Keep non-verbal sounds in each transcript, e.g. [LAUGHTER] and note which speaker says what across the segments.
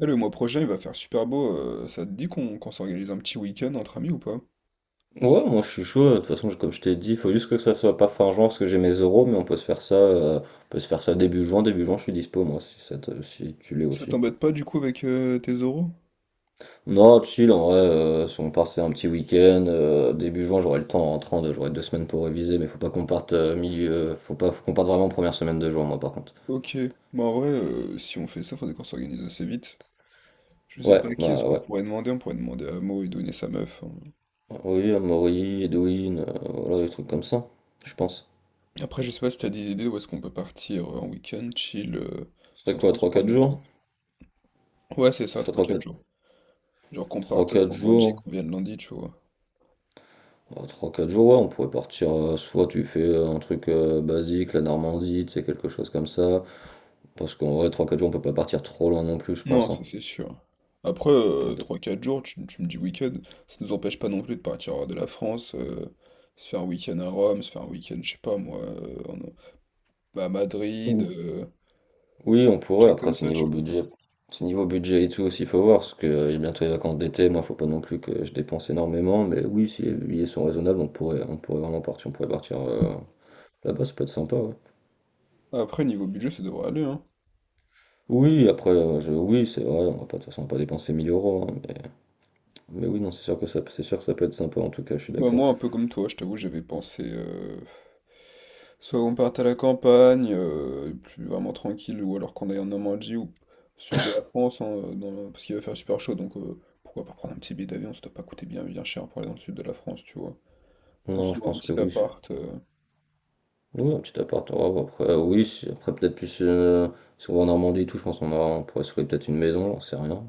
Speaker 1: Eh, le mois prochain, il va faire super beau. Ça te dit qu'on s'organise un petit week-end entre amis ou pas?
Speaker 2: Ouais, moi je suis chaud. De toute façon, comme je t'ai dit, il faut juste que ça soit pas fin juin parce que j'ai mes euros, mais on peut se faire ça, on peut se faire ça début juin. Début juin, je suis dispo moi, si, si tu l'es
Speaker 1: Ça
Speaker 2: aussi.
Speaker 1: t'embête pas du coup avec tes oraux?
Speaker 2: Non, chill, en vrai. Si on part, c'est un petit week-end, début juin, j'aurai le temps en rentrant, j'aurai 2 semaines pour réviser, mais faut pas qu'on parte milieu, faut pas, faut qu'on parte vraiment première semaine de juin, moi par contre.
Speaker 1: Ok. Bah en vrai, si on fait ça, faudrait qu'on s'organise assez vite. Je sais
Speaker 2: Ouais,
Speaker 1: pas qui est-ce
Speaker 2: bah
Speaker 1: qu'on
Speaker 2: ouais.
Speaker 1: pourrait demander. On pourrait demander à Mo et donner sa meuf, hein.
Speaker 2: Oui, Amaury, Edwin, voilà, des trucs comme ça, je pense.
Speaker 1: Après, je sais pas si t'as des idées où est-ce qu'on peut partir en week-end, chill,
Speaker 2: Ce serait
Speaker 1: sans
Speaker 2: quoi,
Speaker 1: trop se
Speaker 2: trois
Speaker 1: prendre
Speaker 2: quatre
Speaker 1: la
Speaker 2: jours?
Speaker 1: tête. Ouais, c'est ça,
Speaker 2: Ce
Speaker 1: 3-4 jours. Genre qu'on
Speaker 2: serait
Speaker 1: parte
Speaker 2: 3-4 3
Speaker 1: vendredi,
Speaker 2: jours.
Speaker 1: qu'on vienne lundi, tu vois.
Speaker 2: Bah, 3-4 jours, ouais, on pourrait partir, soit tu fais un truc basique, la Normandie, tu sais, quelque chose comme ça. Parce qu'en vrai, trois quatre jours, on peut pas partir trop loin non plus, je
Speaker 1: Non,
Speaker 2: pense,
Speaker 1: ça
Speaker 2: hein.
Speaker 1: c'est sûr. Après,
Speaker 2: Donc,
Speaker 1: 3-4 jours, tu me dis week-end, ça nous empêche pas non plus de partir de la France, se faire un week-end à Rome, se faire un week-end, je sais pas moi, bah, à Madrid,
Speaker 2: ou- oui, on pourrait.
Speaker 1: trucs
Speaker 2: Après,
Speaker 1: comme
Speaker 2: c'est
Speaker 1: ça,
Speaker 2: niveau
Speaker 1: tu vois.
Speaker 2: budget. C'est niveau budget et tout aussi, faut voir, parce que il y a bientôt les vacances d'été. Moi, faut pas non plus que je dépense énormément. Mais oui, si les billets sont raisonnables, on pourrait vraiment partir, on pourrait partir là-bas. Ça peut être sympa, ouais.
Speaker 1: Après, niveau budget, ça devrait aller, hein.
Speaker 2: Oui, après, oui, c'est vrai, on va pas, de toute façon, on va pas dépenser 1 000 euros, hein. Mais oui, non, c'est sûr que c'est sûr que ça peut être sympa. En tout cas, je suis
Speaker 1: Bah,
Speaker 2: d'accord.
Speaker 1: moi, un peu comme toi, je t'avoue, j'avais pensé, soit on parte à la campagne, plus vraiment tranquille, ou alors qu'on aille en Normandie ou au sud de la France, hein, parce qu'il va faire super chaud, donc pourquoi pas prendre un petit billet d'avion, ça doit pas coûter bien, bien cher pour aller dans le sud de la France, tu vois.
Speaker 2: Non, je
Speaker 1: Construire un
Speaker 2: pense que
Speaker 1: petit
Speaker 2: oui.
Speaker 1: appart.
Speaker 2: Oui, un petit appart en robe. Après, oui, après peut-être plus si on va en Normandie et tout, je pense on pourrait se louer peut-être une maison, j'en sais rien.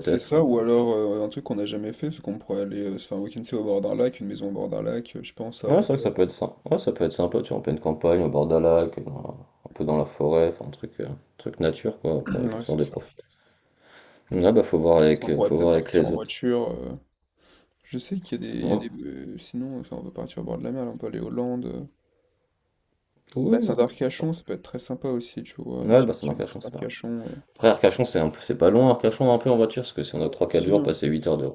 Speaker 1: C'est ça, ou
Speaker 2: je-
Speaker 1: alors un truc qu'on n'a jamais fait, c'est qu'on pourrait aller se faire un week-end tu sais, au bord d'un lac, une maison au bord d'un lac, je sais pas, en
Speaker 2: Ouais,
Speaker 1: Savoie.
Speaker 2: c'est vrai que ça
Speaker 1: [CLEARS THROAT]
Speaker 2: peut être sympa. Ouais, ça peut être sympa, tu vois, en pleine campagne, au bord d'un lac, dans un peu dans la forêt, enfin un truc, truc nature, quoi, pour
Speaker 1: Ouais,
Speaker 2: histoire
Speaker 1: c'est
Speaker 2: de
Speaker 1: ça.
Speaker 2: profiter. Ouais, bah
Speaker 1: On pourrait
Speaker 2: faut
Speaker 1: peut-être
Speaker 2: voir avec
Speaker 1: partir
Speaker 2: les
Speaker 1: en
Speaker 2: autres.
Speaker 1: voiture. Je sais qu'il y a des.
Speaker 2: Ouais.
Speaker 1: Sinon, enfin, on peut partir au bord de la mer, là, on peut aller aux Landes.
Speaker 2: Oui,
Speaker 1: Bassin
Speaker 2: non.
Speaker 1: d'Arcachon, ça peut être très sympa aussi, tu vois. Un
Speaker 2: Ouais,
Speaker 1: petit
Speaker 2: bah c'est dans
Speaker 1: week-end au bassin
Speaker 2: Arcachon, c'est pas grave.
Speaker 1: d'Arcachon.
Speaker 2: Après, Arcachon, c'est un peu, c'est pas loin, Arcachon, un peu en voiture, parce que si on a
Speaker 1: Ouais,
Speaker 2: trois, quatre
Speaker 1: si,
Speaker 2: jours,
Speaker 1: hein.
Speaker 2: passer 8 heures de...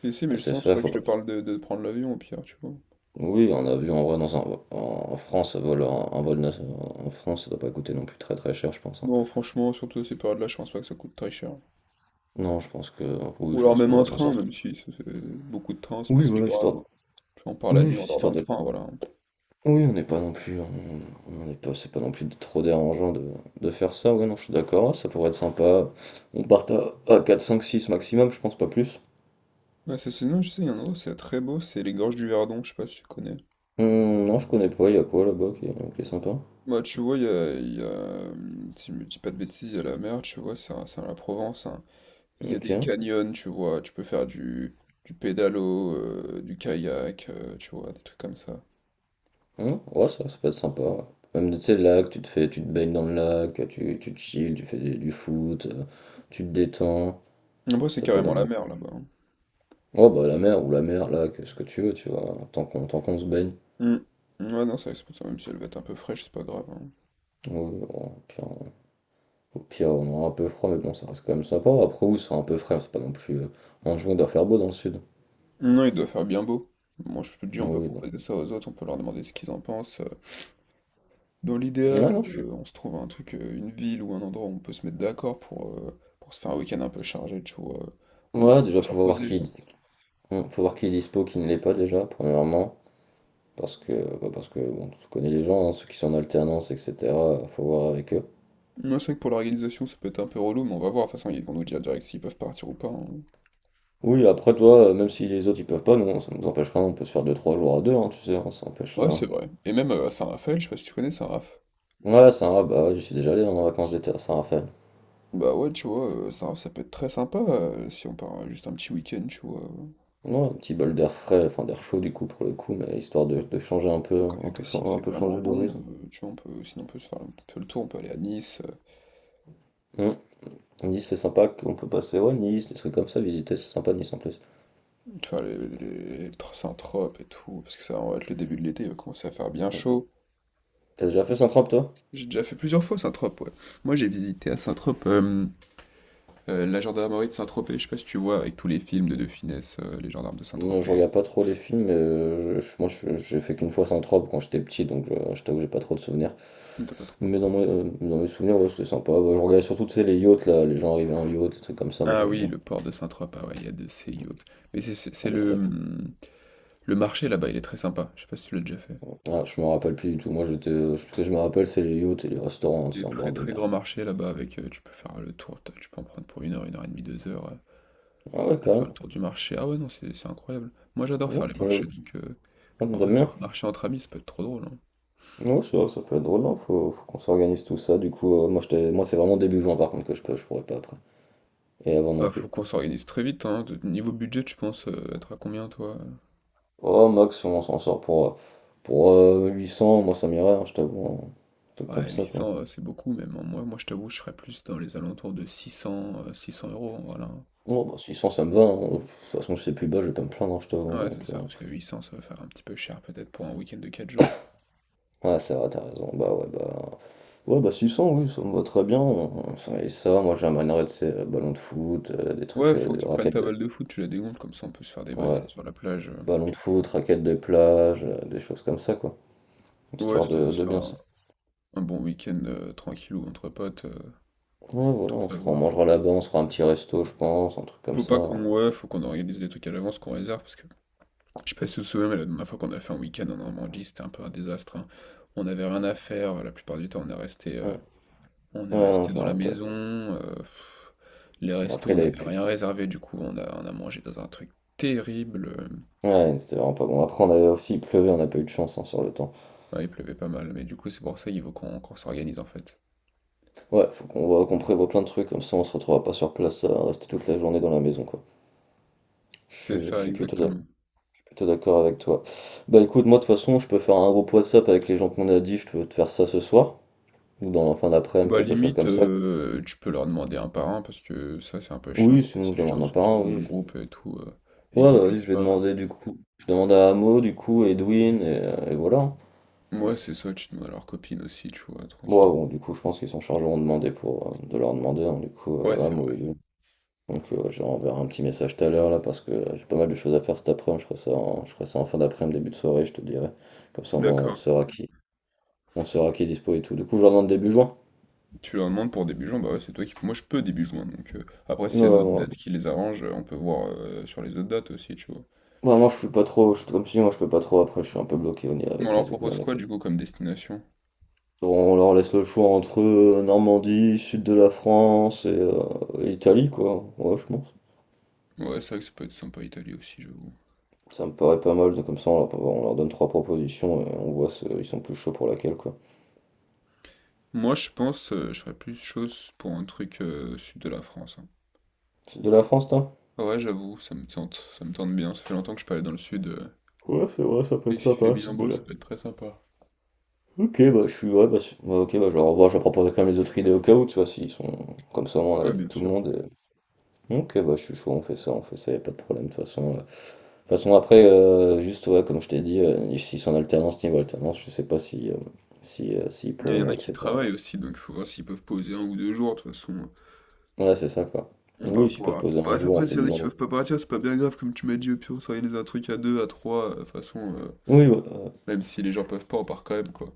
Speaker 1: Si, si, mais
Speaker 2: Passer
Speaker 1: justement, c'est
Speaker 2: ça,
Speaker 1: pour ça que
Speaker 2: faut
Speaker 1: je te parle de prendre l'avion au pire, tu vois.
Speaker 2: Oui, un avion en vrai dans en France, un vol, en France, ça doit pas coûter non plus très très cher, je pense, hein.
Speaker 1: Non, franchement, surtout à ces périodes-là, je pense pas que ça coûte très cher.
Speaker 2: Non, je pense que
Speaker 1: Ou
Speaker 2: oui, je
Speaker 1: alors
Speaker 2: pense qu'on
Speaker 1: même un
Speaker 2: devrait s'en
Speaker 1: train,
Speaker 2: sortir.
Speaker 1: même si c'est- c'est- beaucoup de trains, c'est pas
Speaker 2: Oui,
Speaker 1: si
Speaker 2: voilà,
Speaker 1: grave,
Speaker 2: histoire.
Speaker 1: hein. Tu vois, on part la
Speaker 2: Oui,
Speaker 1: nuit, on
Speaker 2: juste
Speaker 1: dort dans
Speaker 2: histoire
Speaker 1: le
Speaker 2: de.
Speaker 1: train, voilà.
Speaker 2: Oui, on n'est pas non plus, on n'est pas, c'est pas non plus trop dérangeant de faire ça. Oui, non, je suis d'accord, ça pourrait être sympa. On part à 4, 5, 6 maximum, je pense pas plus.
Speaker 1: Ouais, ça, c'est non, je sais, il y a un endroit, c'est très beau, c'est les gorges du Verdon, je sais pas si tu connais.
Speaker 2: Non, je connais pas. Il y a quoi là-bas qui est sympa.
Speaker 1: Bah, tu vois, si je me dis pas de bêtises, il y a la mer, tu vois, c'est à la Provence, hein. Il y a
Speaker 2: Ok.
Speaker 1: des canyons, tu vois, tu peux faire du pédalo, du kayak, tu vois, des trucs comme ça.
Speaker 2: Mmh. Ouais, ça peut être sympa, ouais. Même, tu sais, le lac, tu te baignes dans le lac, tu te chill, tu du foot, tu te détends.
Speaker 1: Après, c'est
Speaker 2: Ça peut être
Speaker 1: carrément la
Speaker 2: vraiment cool.
Speaker 1: mer là-bas, hein.
Speaker 2: Oh, bah, la mer ou la mer, lac, ce que tu veux, tu vois, tant qu'on se baigne.
Speaker 1: Hum. Ouais, non, ça reste pour ça, même si elle va être un peu fraîche, c'est pas grave, hein.
Speaker 2: Ouais, ouais, au pire, au pire, on aura un peu froid, mais bon, ça reste quand même sympa. Après, oui, c'est un peu frais, c'est pas non plus. En juin, on doit faire beau dans le sud.
Speaker 1: Non, il doit faire bien beau. Moi, je te dis,
Speaker 2: Ouais,
Speaker 1: on peut
Speaker 2: oui, non.
Speaker 1: proposer ça aux autres, on peut leur demander ce qu'ils en pensent. Dans
Speaker 2: Ouais,
Speaker 1: l'idéal,
Speaker 2: non, je suis.
Speaker 1: on se trouve un truc, une ville ou un endroit où on peut se mettre d'accord pour se faire un week-end un peu chargé, tu vois. On a pas
Speaker 2: Ouais,
Speaker 1: le temps
Speaker 2: déjà,
Speaker 1: de se
Speaker 2: faut voir
Speaker 1: reposer.
Speaker 2: qui. Faut voir qui est dispo, qui ne l'est pas déjà, premièrement. Parce que, bah, parce que bon, tu connais les gens, hein, ceux qui sont en alternance, etc. Faut voir avec eux.
Speaker 1: Moi, c'est vrai que pour l'organisation, ça peut être un peu relou, mais on va voir. De toute façon, ils vont nous dire direct s'ils peuvent partir ou pas, hein.
Speaker 2: Oui, après toi, même si les autres ils peuvent pas, nous, ça nous empêche rien, on peut se faire 2 3 jours à deux, hein, tu sais, hein, ça empêche
Speaker 1: Ouais,
Speaker 2: rien.
Speaker 1: c'est vrai. Et même à Saint-Raphaël, je sais pas si tu connais Saint-Raph.
Speaker 2: Ouais, c'est un bah, ouais, j'y suis déjà allé hein, en vacances d'été à Saint-Raphaël.
Speaker 1: Bah ouais, tu vois, Saint-Raph, ça peut être très sympa si on part juste un petit week-end, tu vois.
Speaker 2: Ouais, un petit bol d'air frais, enfin d'air chaud du coup pour le coup, mais histoire de changer un peu,
Speaker 1: Quand il y a que s'il fait
Speaker 2: un peu
Speaker 1: vraiment
Speaker 2: changer
Speaker 1: bon,
Speaker 2: d'horizon.
Speaker 1: tu vois, on peut, sinon on peut se faire un peu le tour, on peut aller à Nice,
Speaker 2: Hum. Nice, c'est sympa qu'on peut passer, ouais, Nice, des trucs comme ça, visiter, c'est sympa Nice en plus.
Speaker 1: tu vois, les Saint-Tropez et tout, parce que ça va être le début de l'été, il va commencer à faire bien
Speaker 2: Hum.
Speaker 1: chaud.
Speaker 2: T'as déjà fait Saint-Tropez toi?
Speaker 1: J'ai déjà fait plusieurs fois Saint-Tropez, ouais. Moi j'ai visité à Saint-Tropez la gendarmerie de Saint-Tropez, je sais pas si tu vois, avec tous les films de De Funès, les gendarmes de
Speaker 2: Moi, je
Speaker 1: Saint-Tropez.
Speaker 2: regarde pas trop les films, mais j'ai fait qu'une fois Saint-Tropez quand j'étais petit, donc je t'avoue que j'ai pas trop de souvenirs.
Speaker 1: T'as pas trop.
Speaker 2: Mais dans mes souvenirs, ouais, c'était sympa. Ouais, je regardais surtout tu sais, les yachts, là, les gens arrivaient en yacht, des trucs comme ça, moi
Speaker 1: Ah
Speaker 2: j'aimais
Speaker 1: oui,
Speaker 2: bien.
Speaker 1: le port de Saint-Tropez, ah ouais, il y a de ces yachts. Mais
Speaker 2: Il y a des sacres.
Speaker 1: le marché là-bas, il est très sympa, je sais pas si tu l'as déjà fait.
Speaker 2: Ah, je me rappelle plus du tout, moi j'étais. Je, ce que je me rappelle, c'est les yachts et les restaurants, hein,
Speaker 1: Il y a
Speaker 2: c'est en
Speaker 1: très
Speaker 2: bord de
Speaker 1: très
Speaker 2: mer,
Speaker 1: grand
Speaker 2: quoi.
Speaker 1: marché là-bas avec tu peux faire le tour, tu peux en prendre pour une heure et demie, deux heures
Speaker 2: Ah ouais,
Speaker 1: à faire le
Speaker 2: carrément.
Speaker 1: tour du marché. Ah ouais non c'est incroyable. Moi j'adore faire les
Speaker 2: Ok,
Speaker 1: marchés
Speaker 2: ok.
Speaker 1: donc
Speaker 2: Ah,
Speaker 1: en vrai,
Speaker 2: t'aimes
Speaker 1: faire
Speaker 2: bien?
Speaker 1: un marché entre amis ça peut être trop drôle, hein.
Speaker 2: Ouais, c'est vrai, ça peut être drôle, non? Faut, faut qu'on s'organise tout ça. Du coup, moi, moi c'est vraiment début juin par contre que je peux, je pourrais pas après. Et avant non
Speaker 1: Bah
Speaker 2: plus.
Speaker 1: faut qu'on s'organise très vite, hein. Niveau budget tu penses être à combien toi?
Speaker 2: Oh, max, on s'en sort pour 800, moi ça m'irait, hein, je t'avoue, hein. Un truc comme
Speaker 1: Ouais
Speaker 2: ça,
Speaker 1: huit
Speaker 2: quoi.
Speaker 1: cents c'est beaucoup même, hein. Moi je t'avoue je serais plus dans les alentours de 600 euros, hein, voilà. Hein.
Speaker 2: Bon, bah, 600, ça me va, hein. De toute façon, si c'est plus bas, je vais pas me plaindre, hein, je t'avoue, hein.
Speaker 1: Ouais
Speaker 2: Donc,
Speaker 1: c'est ça parce que 800 ça va faire un petit peu cher peut-être pour un week-end de 4 jours.
Speaker 2: ouais, c'est vrai, t'as raison. Ouais, bah 600, oui, ça me va très bien, hein. Moi j'emmènerais, tu sais, ballon de foot, des
Speaker 1: Ouais,
Speaker 2: trucs,
Speaker 1: faut que tu prennes
Speaker 2: raquettes
Speaker 1: ta
Speaker 2: de.
Speaker 1: balle de foot, tu la dégonfles, comme ça on peut se faire des
Speaker 2: Ouais,
Speaker 1: Brésils sur la plage.
Speaker 2: ballon de foot, raquettes de plage, des choses comme ça, quoi.
Speaker 1: Ouais,
Speaker 2: Histoire de bien
Speaker 1: enfin,
Speaker 2: ça.
Speaker 1: un bon week-end tranquille ou entre potes,
Speaker 2: Ouais, voilà,
Speaker 1: tout
Speaker 2: on se fera, on
Speaker 1: prévoir.
Speaker 2: mangera là-bas, on se fera un petit resto, je pense, un truc comme
Speaker 1: Faut
Speaker 2: ça,
Speaker 1: pas
Speaker 2: hein.
Speaker 1: qu'on Ouais, faut qu'on organise des trucs à l'avance, qu'on réserve, parce que je sais pas si vous vous souvenez, mais la dernière fois qu'on a fait un week-end en Normandie, c'était un peu un désastre, hein. On n'avait rien à faire, la plupart du temps
Speaker 2: Ouais, ouais,
Speaker 1: on est
Speaker 2: non,
Speaker 1: resté
Speaker 2: je me
Speaker 1: dans la
Speaker 2: rappelle.
Speaker 1: maison. Les restos,
Speaker 2: Après,
Speaker 1: on
Speaker 2: il avait
Speaker 1: n'avait
Speaker 2: plus.
Speaker 1: rien réservé, du coup on a mangé dans un truc terrible.
Speaker 2: Ouais, c'était vraiment pas bon. Après, on avait aussi, il pleuvait, on n'a pas eu de chance hein, sur le temps.
Speaker 1: Ouais, il pleuvait pas mal, mais du coup c'est pour ça qu'il faut qu'on s'organise en fait.
Speaker 2: Ouais, faut qu'on voit, qu'on prévoit plein de trucs, comme ça on se retrouvera pas sur place à rester toute la journée dans la maison, quoi. Je,
Speaker 1: C'est
Speaker 2: suis je
Speaker 1: ça
Speaker 2: suis
Speaker 1: exactement.
Speaker 2: plutôt d'accord avec toi. Bah écoute, moi de toute façon, je peux faire un groupe WhatsApp avec les gens qu'on a dit, je peux te faire ça ce soir, ou dans la fin d'après-midi,
Speaker 1: Bah
Speaker 2: quelque chose
Speaker 1: limite,
Speaker 2: comme ça.
Speaker 1: tu peux leur demander un par un parce que ça c'est un peu chiant
Speaker 2: Oui,
Speaker 1: si
Speaker 2: sinon je
Speaker 1: les gens
Speaker 2: demande un
Speaker 1: se
Speaker 2: par un,
Speaker 1: retrouvent dans le
Speaker 2: oui. Je...
Speaker 1: groupe et tout et
Speaker 2: Ouais,
Speaker 1: qu'ils
Speaker 2: bah, oui,
Speaker 1: puissent
Speaker 2: je vais
Speaker 1: pas.
Speaker 2: demander du coup. Je demande à Amo, du coup, Edwin, et voilà.
Speaker 1: Moi c'est ça, tu demandes à leur copine aussi, tu vois,
Speaker 2: Moi,
Speaker 1: tranquille.
Speaker 2: bon, du coup, je pense qu'ils sont chargés de demander pour de leur demander, hein, du coup,
Speaker 1: Ouais, c'est
Speaker 2: Amo et
Speaker 1: vrai.
Speaker 2: Edwin. Donc ouais, je leur enverrai un petit message tout à l'heure là parce que j'ai pas mal de choses à faire cet après-midi. Je ferai ça en fin d'après-midi, début de soirée, je te dirai. Comme ça, au moins,
Speaker 1: D'accord.
Speaker 2: on saura qui est dispo et tout. Du coup, je leur demande début juin.
Speaker 1: Tu leur demandes pour début juin, bah ouais, c'est toi qui... Moi je peux début juin, donc après
Speaker 2: Ouais,
Speaker 1: s'il
Speaker 2: ouais.
Speaker 1: y a d'autres
Speaker 2: Ouais,
Speaker 1: dates qui les arrangent, on peut voir sur les autres dates aussi, tu vois.
Speaker 2: bah, moi, je suis pas trop, comme si moi, je peux pas trop. Après, je suis un peu bloqué au niveau
Speaker 1: Mais on
Speaker 2: avec
Speaker 1: leur
Speaker 2: mes
Speaker 1: propose
Speaker 2: examens,
Speaker 1: quoi du
Speaker 2: etc.
Speaker 1: coup comme destination?
Speaker 2: Donc, on leur laisse le choix entre Normandie, sud de la France et Italie, quoi. Ouais, je pense.
Speaker 1: Ouais, c'est vrai que ça peut être sympa Italie aussi, j'avoue.
Speaker 2: Ça me paraît pas mal. Donc, comme ça, on leur donne trois propositions et on voit ils sont plus chauds pour laquelle, quoi.
Speaker 1: Moi je pense, je ferais plus chose pour un truc sud de la France, hein.
Speaker 2: Sud de la France, toi?
Speaker 1: Ouais, ouais, j'avoue, ça me tente bien. Ça fait longtemps que je suis pas allé dans le sud.
Speaker 2: Ouais, c'est vrai, ça peut être
Speaker 1: Et s'il fait
Speaker 2: sympa,
Speaker 1: bien
Speaker 2: sud de
Speaker 1: beau,
Speaker 2: la
Speaker 1: ça peut être très sympa.
Speaker 2: Ok, bah, je suis. Ouais, bah, ok, bah, je leur envoie, je vais proposer quand même les autres idées au cas où, tu vois, s'ils sont. Comme ça, on a
Speaker 1: Ouais,
Speaker 2: l'avis de
Speaker 1: bien
Speaker 2: tout le
Speaker 1: sûr.
Speaker 2: monde. Ok, bah, je suis chaud, on fait ça, y a pas de problème, de toute façon. De toute façon, après, juste, ouais, comme je t'ai dit, s'ils sont en alternance, niveau alternance, je sais pas si, si, s'ils
Speaker 1: Il y en
Speaker 2: pourront,
Speaker 1: a qui
Speaker 2: etc.
Speaker 1: travaillent aussi, donc il faut voir s'ils peuvent poser 1 ou 2 jours. De toute façon,
Speaker 2: Ouais, c'est ça, quoi.
Speaker 1: on va
Speaker 2: Oui, s'ils peuvent
Speaker 1: pouvoir.
Speaker 2: poser un
Speaker 1: Bah,
Speaker 2: jour, on
Speaker 1: après,
Speaker 2: fait
Speaker 1: s'il y en
Speaker 2: du
Speaker 1: a qui
Speaker 2: vendredi.
Speaker 1: peuvent pas partir, c'est pas bien grave, comme tu m'as dit. Au pire, on s'organise un truc à deux, à trois. De toute façon,
Speaker 2: Oui, ouais,
Speaker 1: même si les gens peuvent pas, on part quand même, quoi.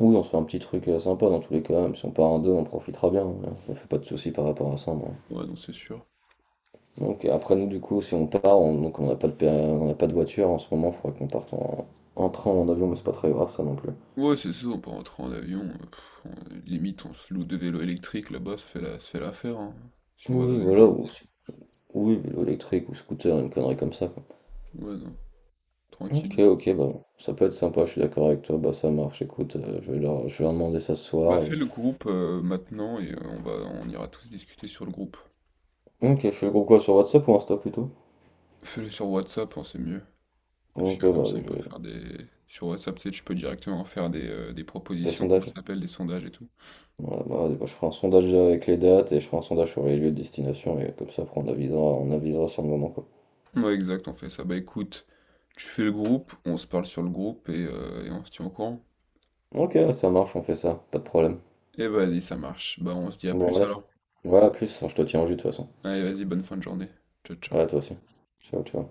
Speaker 2: oui, on se fait un petit truc sympa dans tous les cas, même si on part en deux, on profitera bien, hein. Je me fais pas de soucis par rapport à ça, moi.
Speaker 1: Ouais, non, c'est sûr.
Speaker 2: Donc après nous du coup si on part, donc on n'a pas de voiture en ce moment, il faudrait qu'on parte en train ou en avion, mais c'est pas très grave ça non plus.
Speaker 1: Ouais, c'est ça, on peut rentrer en avion. Limite, on se loue deux vélos électriques là-bas, ça fait l'affaire, hein, si on va dans
Speaker 2: Oui
Speaker 1: une
Speaker 2: voilà,
Speaker 1: grande
Speaker 2: ou,
Speaker 1: ville.
Speaker 2: si- oui, vélo électrique ou scooter, une connerie comme ça quoi.
Speaker 1: Ouais, non,
Speaker 2: Ok
Speaker 1: tranquille.
Speaker 2: ok bah ça peut être sympa, je suis d'accord avec toi, bah ça marche, écoute, je vais leur demander ça ce
Speaker 1: Bah
Speaker 2: soir
Speaker 1: fais
Speaker 2: et.
Speaker 1: le groupe maintenant et on ira tous discuter sur le groupe.
Speaker 2: Ok, je fais le groupe quoi sur WhatsApp ou Insta plutôt?
Speaker 1: Fais-le sur WhatsApp, hein, c'est mieux. Parce
Speaker 2: Ok
Speaker 1: que comme
Speaker 2: bah
Speaker 1: ça
Speaker 2: je
Speaker 1: on peut
Speaker 2: vais.
Speaker 1: faire des. Sur WhatsApp, tu sais, tu peux directement faire des
Speaker 2: Des
Speaker 1: propositions, comment
Speaker 2: sondages.
Speaker 1: ça s'appelle, des sondages et tout.
Speaker 2: Voilà, bah, vas-y, bah, je ferai un sondage déjà avec les dates et je ferai un sondage sur les lieux de destination et comme ça après on avisera sur le moment quoi.
Speaker 1: Ouais exact, on fait ça. Bah écoute, tu fais le groupe, on se parle sur le groupe et on se tient au courant.
Speaker 2: Ok, ça marche, on fait ça, pas de problème.
Speaker 1: Et vas-y, ça marche. Bah on se dit à
Speaker 2: Bon
Speaker 1: plus
Speaker 2: allez.
Speaker 1: alors.
Speaker 2: Ouais, à plus. Enfin, je te tiens au jus de toute façon.
Speaker 1: Allez, vas-y, bonne fin de journée. Ciao ciao.
Speaker 2: Ouais, toi aussi. Ciao, ciao.